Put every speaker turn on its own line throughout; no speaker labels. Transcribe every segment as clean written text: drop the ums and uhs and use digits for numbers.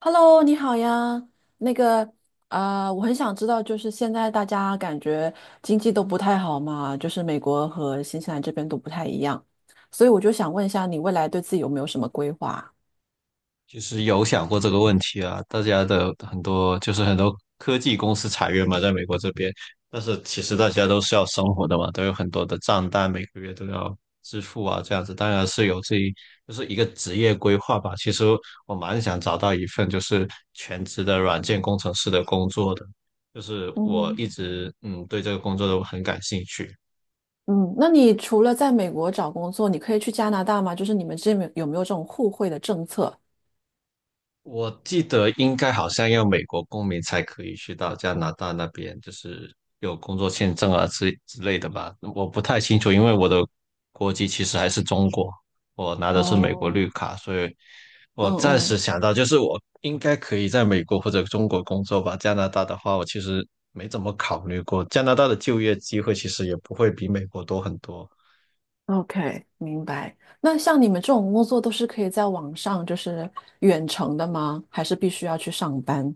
Hello，你好呀。那个，啊，我很想知道，就是现在大家感觉经济都不太好嘛，就是美国和新西兰这边都不太一样，所以我就想问一下，你未来对自己有没有什么规划？
其实有想过这个问题啊，大家的很多就是很多科技公司裁员嘛，在美国这边。但是其实大家都是要生活的嘛，都有很多的账单，每个月都要支付啊，这样子当然是有自己就是一个职业规划吧。其实我蛮想找到一份就是全职的软件工程师的工作的，就是我
嗯，
一直对这个工作都很感兴趣。
嗯，那你除了在美国找工作，你可以去加拿大吗？就是你们这边有没有这种互惠的政策？
我记得应该好像要美国公民才可以去到加拿大那边，就是有工作签证啊之类的吧。我不太清楚，因为我的国籍其实还是中国，我拿的是美国
哦，
绿卡，所以
嗯
我暂时
嗯
想到就是我应该可以在美国或者中国工作吧。加拿大的话，我其实没怎么考虑过，加拿大的就业机会其实也不会比美国多很多。
，OK,明白。那像你们这种工作都是可以在网上就是远程的吗？还是必须要去上班？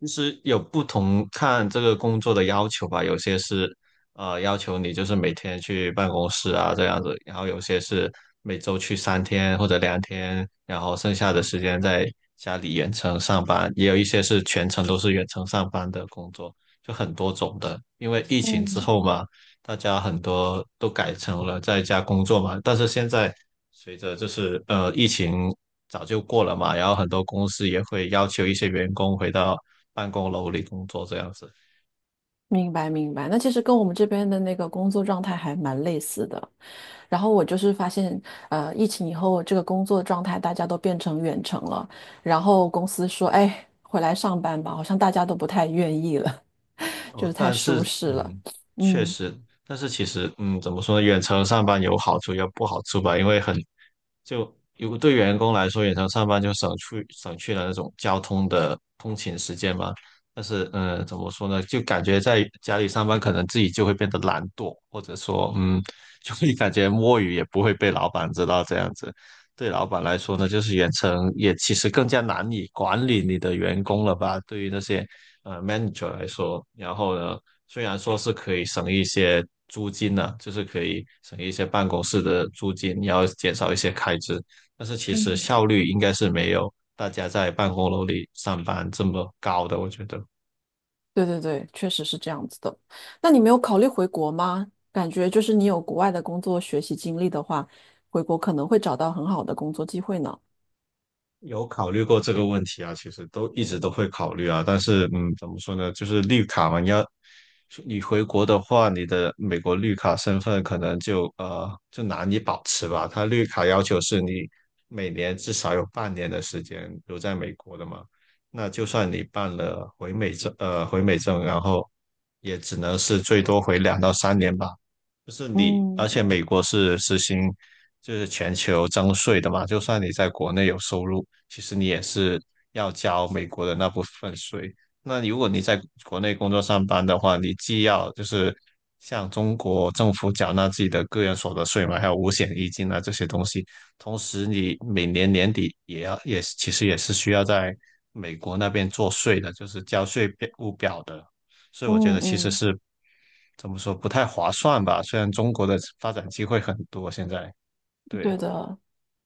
其实有不同看这个工作的要求吧，有些是要求你就是每天去办公室啊这样子，然后有些是每周去3天或者2天，然后剩下的时间在家里远程上班，也有一些是全程都是远程上班的工作，就很多种的。因为疫情之
嗯。
后嘛，大家很多都改成了在家工作嘛，但是现在随着就是疫情早就过了嘛，然后很多公司也会要求一些员工回到办公楼里工作这样子。
明白明白，那其实跟我们这边的那个工作状态还蛮类似的。然后我就是发现，疫情以后这个工作状态大家都变成远程了，然后公司说，哎，回来上班吧，好像大家都不太愿意了，就
哦，
是太
但
舒
是
适了。
确
嗯，
实。但是其实怎么说呢？远程上班有好处也有不好处吧，因为很就如果对员工来说，远程上班就省去了那种交通的通勤时间嘛。但是怎么说呢？就感觉在家里上班，可能自己就会变得懒惰，或者说就会感觉摸鱼也不会被老板知道这样子。对老板来说呢，就是远程也其实更加难以管理你的员工了吧？对于那些manager 来说，然后呢，虽然说是可以省一些租金呢、就是可以省一些办公室的租金，然后减少一些开支，但是其实
嗯。
效率应该是没有大家在办公楼里上班这么高的，我觉得。
对对对，确实是这样子的。那你没有考虑回国吗？感觉就是你有国外的工作学习经历的话，回国可能会找到很好的工作机会呢。
有考虑过这个问题啊，其实都一直都会考虑啊，但是怎么说呢，就是绿卡嘛，你回国的话，你的美国绿卡身份可能就难以保持吧。它绿卡要求是你每年至少有半年的时间留在美国的嘛，那就算你办了回美证，然后也只能是最多回2到3年吧。就是你，而
嗯
且美国是实行就是全球征税的嘛，就算你在国内有收入，其实你也是要交美国的那部分税。那如果你在国内工作上班的话，你既要就是向中国政府缴纳自己的个人所得税嘛，还有五险一金啊这些东西，同时你每年年底也要也其实也是需要在美国那边做税的，就是交务表的。所以我觉
嗯
得其实
嗯，
是怎么说不太划算吧？虽然中国的发展机会很多，现在，
对
对。
的。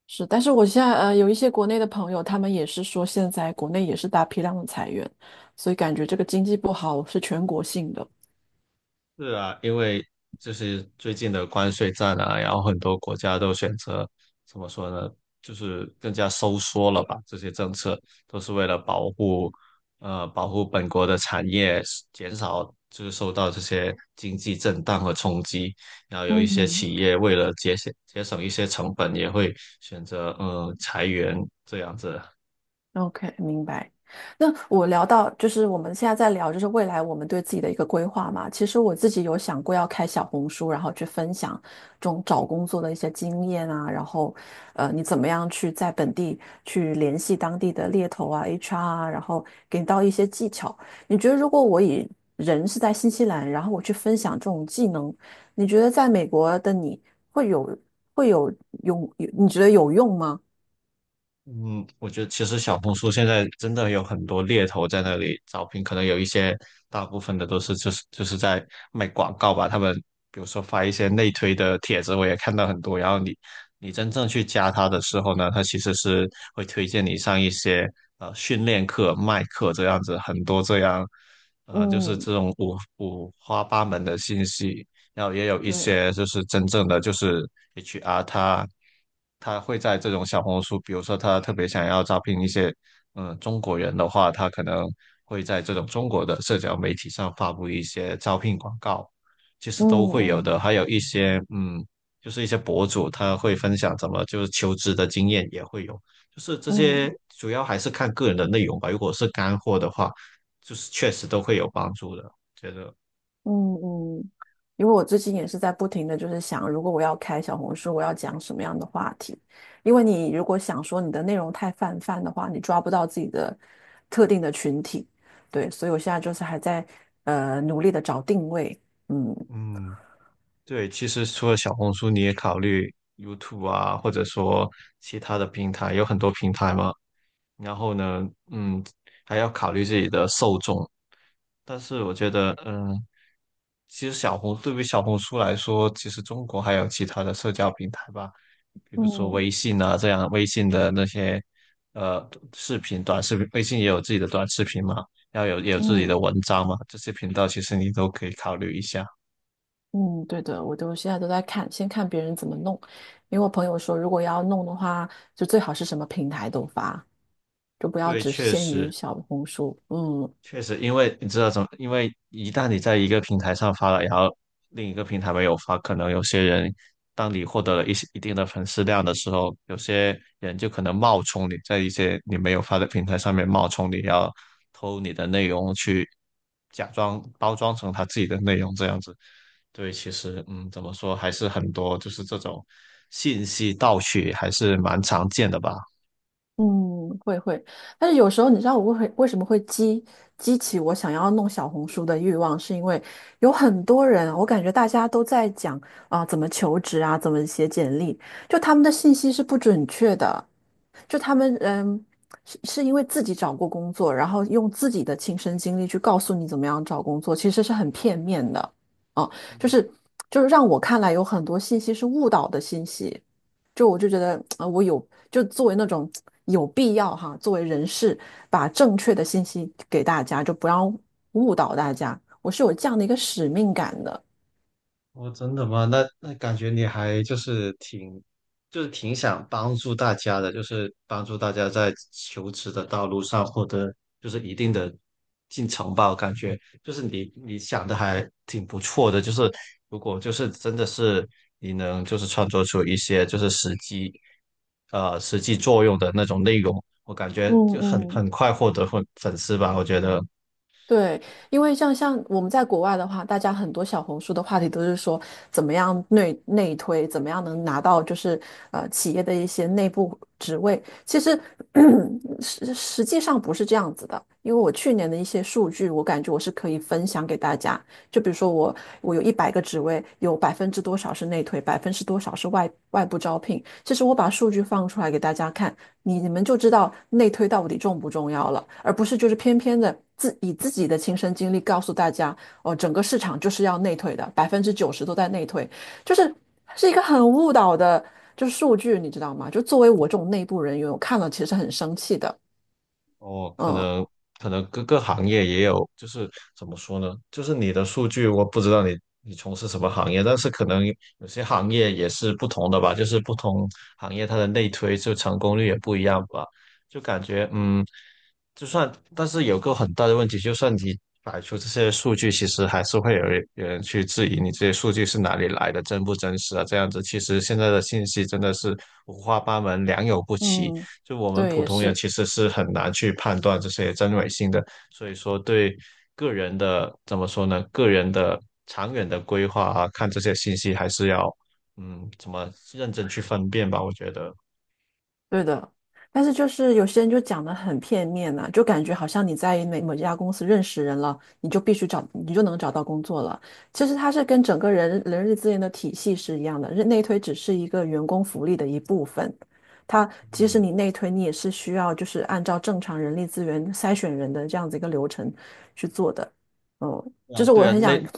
是，但是我现在呃有一些国内的朋友，他们也是说现在国内也是大批量的裁员，所以感觉这个经济不好是全国性的。
是啊，因为就是最近的关税战啊，然后很多国家都选择怎么说呢，就是更加收缩了吧？这些政策都是为了保护本国的产业，减少就是受到这些经济震荡和冲击。然后有一些
嗯。
企业为了节省一些成本，也会选择裁员这样子。
OK,明白。那我聊到就是我们现在在聊，就是未来我们对自己的一个规划嘛。其实我自己有想过要开小红书，然后去分享这种找工作的一些经验啊，然后你怎么样去在本地去联系当地的猎头啊、HR 啊，然后给到一些技巧。你觉得如果我以人是在新西兰，然后我去分享这种技能，你觉得在美国的你会有会有用？你觉得有用吗？
嗯，我觉得其实小红书现在真的有很多猎头在那里招聘，可能有一些大部分的都是就是在卖广告吧。他们比如说发一些内推的帖子，我也看到很多。然后你真正去加他的时候呢，他其实是会推荐你上一些训练课、卖课这样子，很多这样就是
嗯，
这种五花八门的信息。然后也有一
对，
些就是真正的就是 HR，他会在这种小红书，比如说他特别想要招聘一些中国人的话，他可能会在这种中国的社交媒体上发布一些招聘广告，其实都会有
嗯
的。还有一些就是一些博主他会分享怎么就是求职的经验也会有，就是这
嗯
些主要还是看个人的内容吧。如果是干货的话，就是确实都会有帮助的，觉得
嗯嗯，因为我最近也是在不停的就是想，如果我要开小红书，我要讲什么样的话题？因为你如果想说你的内容太泛泛的话，你抓不到自己的特定的群体，对，所以我现在就是还在努力的找定位，嗯
嗯。对，其实除了小红书，你也考虑 YouTube 啊，或者说其他的平台，有很多平台嘛。然后呢，嗯，还要考虑自己的受众。但是我觉得，其实对于小红书来说，其实中国还有其他的社交平台吧，比如说
嗯
微信啊，这样微信的那些呃视频、短视频，微信也有自己的短视频嘛，然后也有自己
嗯
的文章嘛，这些频道其实你都可以考虑一下。
嗯，对的，我都现在都在看，先看别人怎么弄，因为我朋友说，如果要弄的话，就最好是什么平台都发，就不要
对，
只
确
限
实。
于小红书，嗯。
确实，因为你知道怎么，因为一旦你在一个平台上发了，然后另一个平台没有发，可能有些人，当你获得了一定的粉丝量的时候，有些人就可能冒充你，在一些你没有发的平台上面冒充你，然后偷你的内容去假装包装成他自己的内容这样子。对，其实怎么说还是很多，就是这种信息盗取还是蛮常见的吧。
嗯，会会，但是有时候你知道我会为什么会激起我想要弄小红书的欲望，是因为有很多人，我感觉大家都在讲啊、怎么求职啊，怎么写简历，就他们的信息是不准确的，就他们是因为自己找过工作，然后用自己的亲身经历去告诉你怎么样找工作，其实是很片面的，啊，就是就是让我看来有很多信息是误导的信息，就我就觉得啊、我有就作为那种有必要哈，作为人士把正确的信息给大家，就不要误导大家，我是有这样的一个使命感的，
哦，真的吗？那感觉你还就是挺，就是挺想帮助大家的，就是帮助大家在求职的道路上获得就是一定的进程吧。我感觉就是你想的还挺不错的，就是如果就是真的是你能就是创作出一些就是实际作用的那种内容，我感
嗯
觉就很
嗯。
很快获得粉丝吧。我觉得，
对，因为像我们在国外的话，大家很多小红书的话题都是说怎么样内推，怎么样能拿到就是企业的一些内部职位。其实 实际上不是这样子的，因为我去年的一些数据，我感觉我是可以分享给大家。就比如说我有100个职位，有百分之多少是内推，百分之多少是外部招聘。其实我把数据放出来给大家看，你们就知道内推到底重不重要了，而不是就是偏偏的自己的亲身经历告诉大家，哦，整个市场就是要内推的，90%都在内推，就是是一个很误导的，就是数据，你知道吗？就作为我这种内部人员，我看了其实很生气的，
哦，可
嗯，
能可能各个行业也有，就是怎么说呢？就是你的数据，我不知道你从事什么行业，但是可能有些行业也是不同的吧，就是不同行业它的内推就成功率也不一样吧，就感觉就算但是有个很大的问题，就算你摆出这些数据，其实还是会有人去质疑你这些数据是哪里来的，真不真实啊？这样子，其实现在的信息真的是五花八门，良莠不齐。
嗯。
就我们
对，
普
也
通人
是。
其实是很难去判断这些真伪性的，所以说对个人的怎么说呢？个人的长远的规划啊，看这些信息还是要怎么认真去分辨吧？我觉得，
对的，但是就是有些人就讲的很片面呐、就感觉好像你在某某家公司认识人了，你就必须找，你就能找到工作了。其实它是跟整个力资源的体系是一样的，内推只是一个员工福利的一部分。它即使
嗯，
你内推，你也是需要就是按照正常人力资源筛选人的这样子一个流程去做的。嗯，就
啊，
是
对
我
啊，
很想
内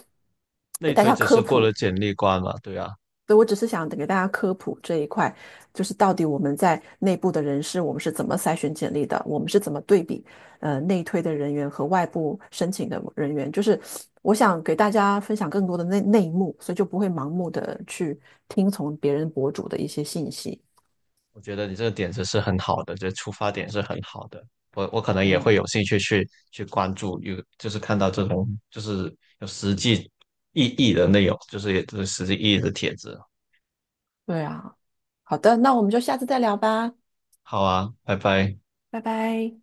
给
内
大
推
家
只
科
是过了
普。
简历关嘛，对啊。
所以，我只是想给大家科普这一块，就是到底我们在内部的人事，我们是怎么筛选简历的，我们是怎么对比，呃，内推的人员和外部申请的人员，就是我想给大家分享更多的内幕，所以就不会盲目的去听从别人博主的一些信息。
我觉得你这个点子是很好的，这出发点是很好的。我可能也
嗯，
会有兴趣去关注，有就是看到这种就是有实际意义的内容，就是也就是实际意义的帖子。
对啊，好的，那我们就下次再聊吧，
好啊，拜拜。
拜拜。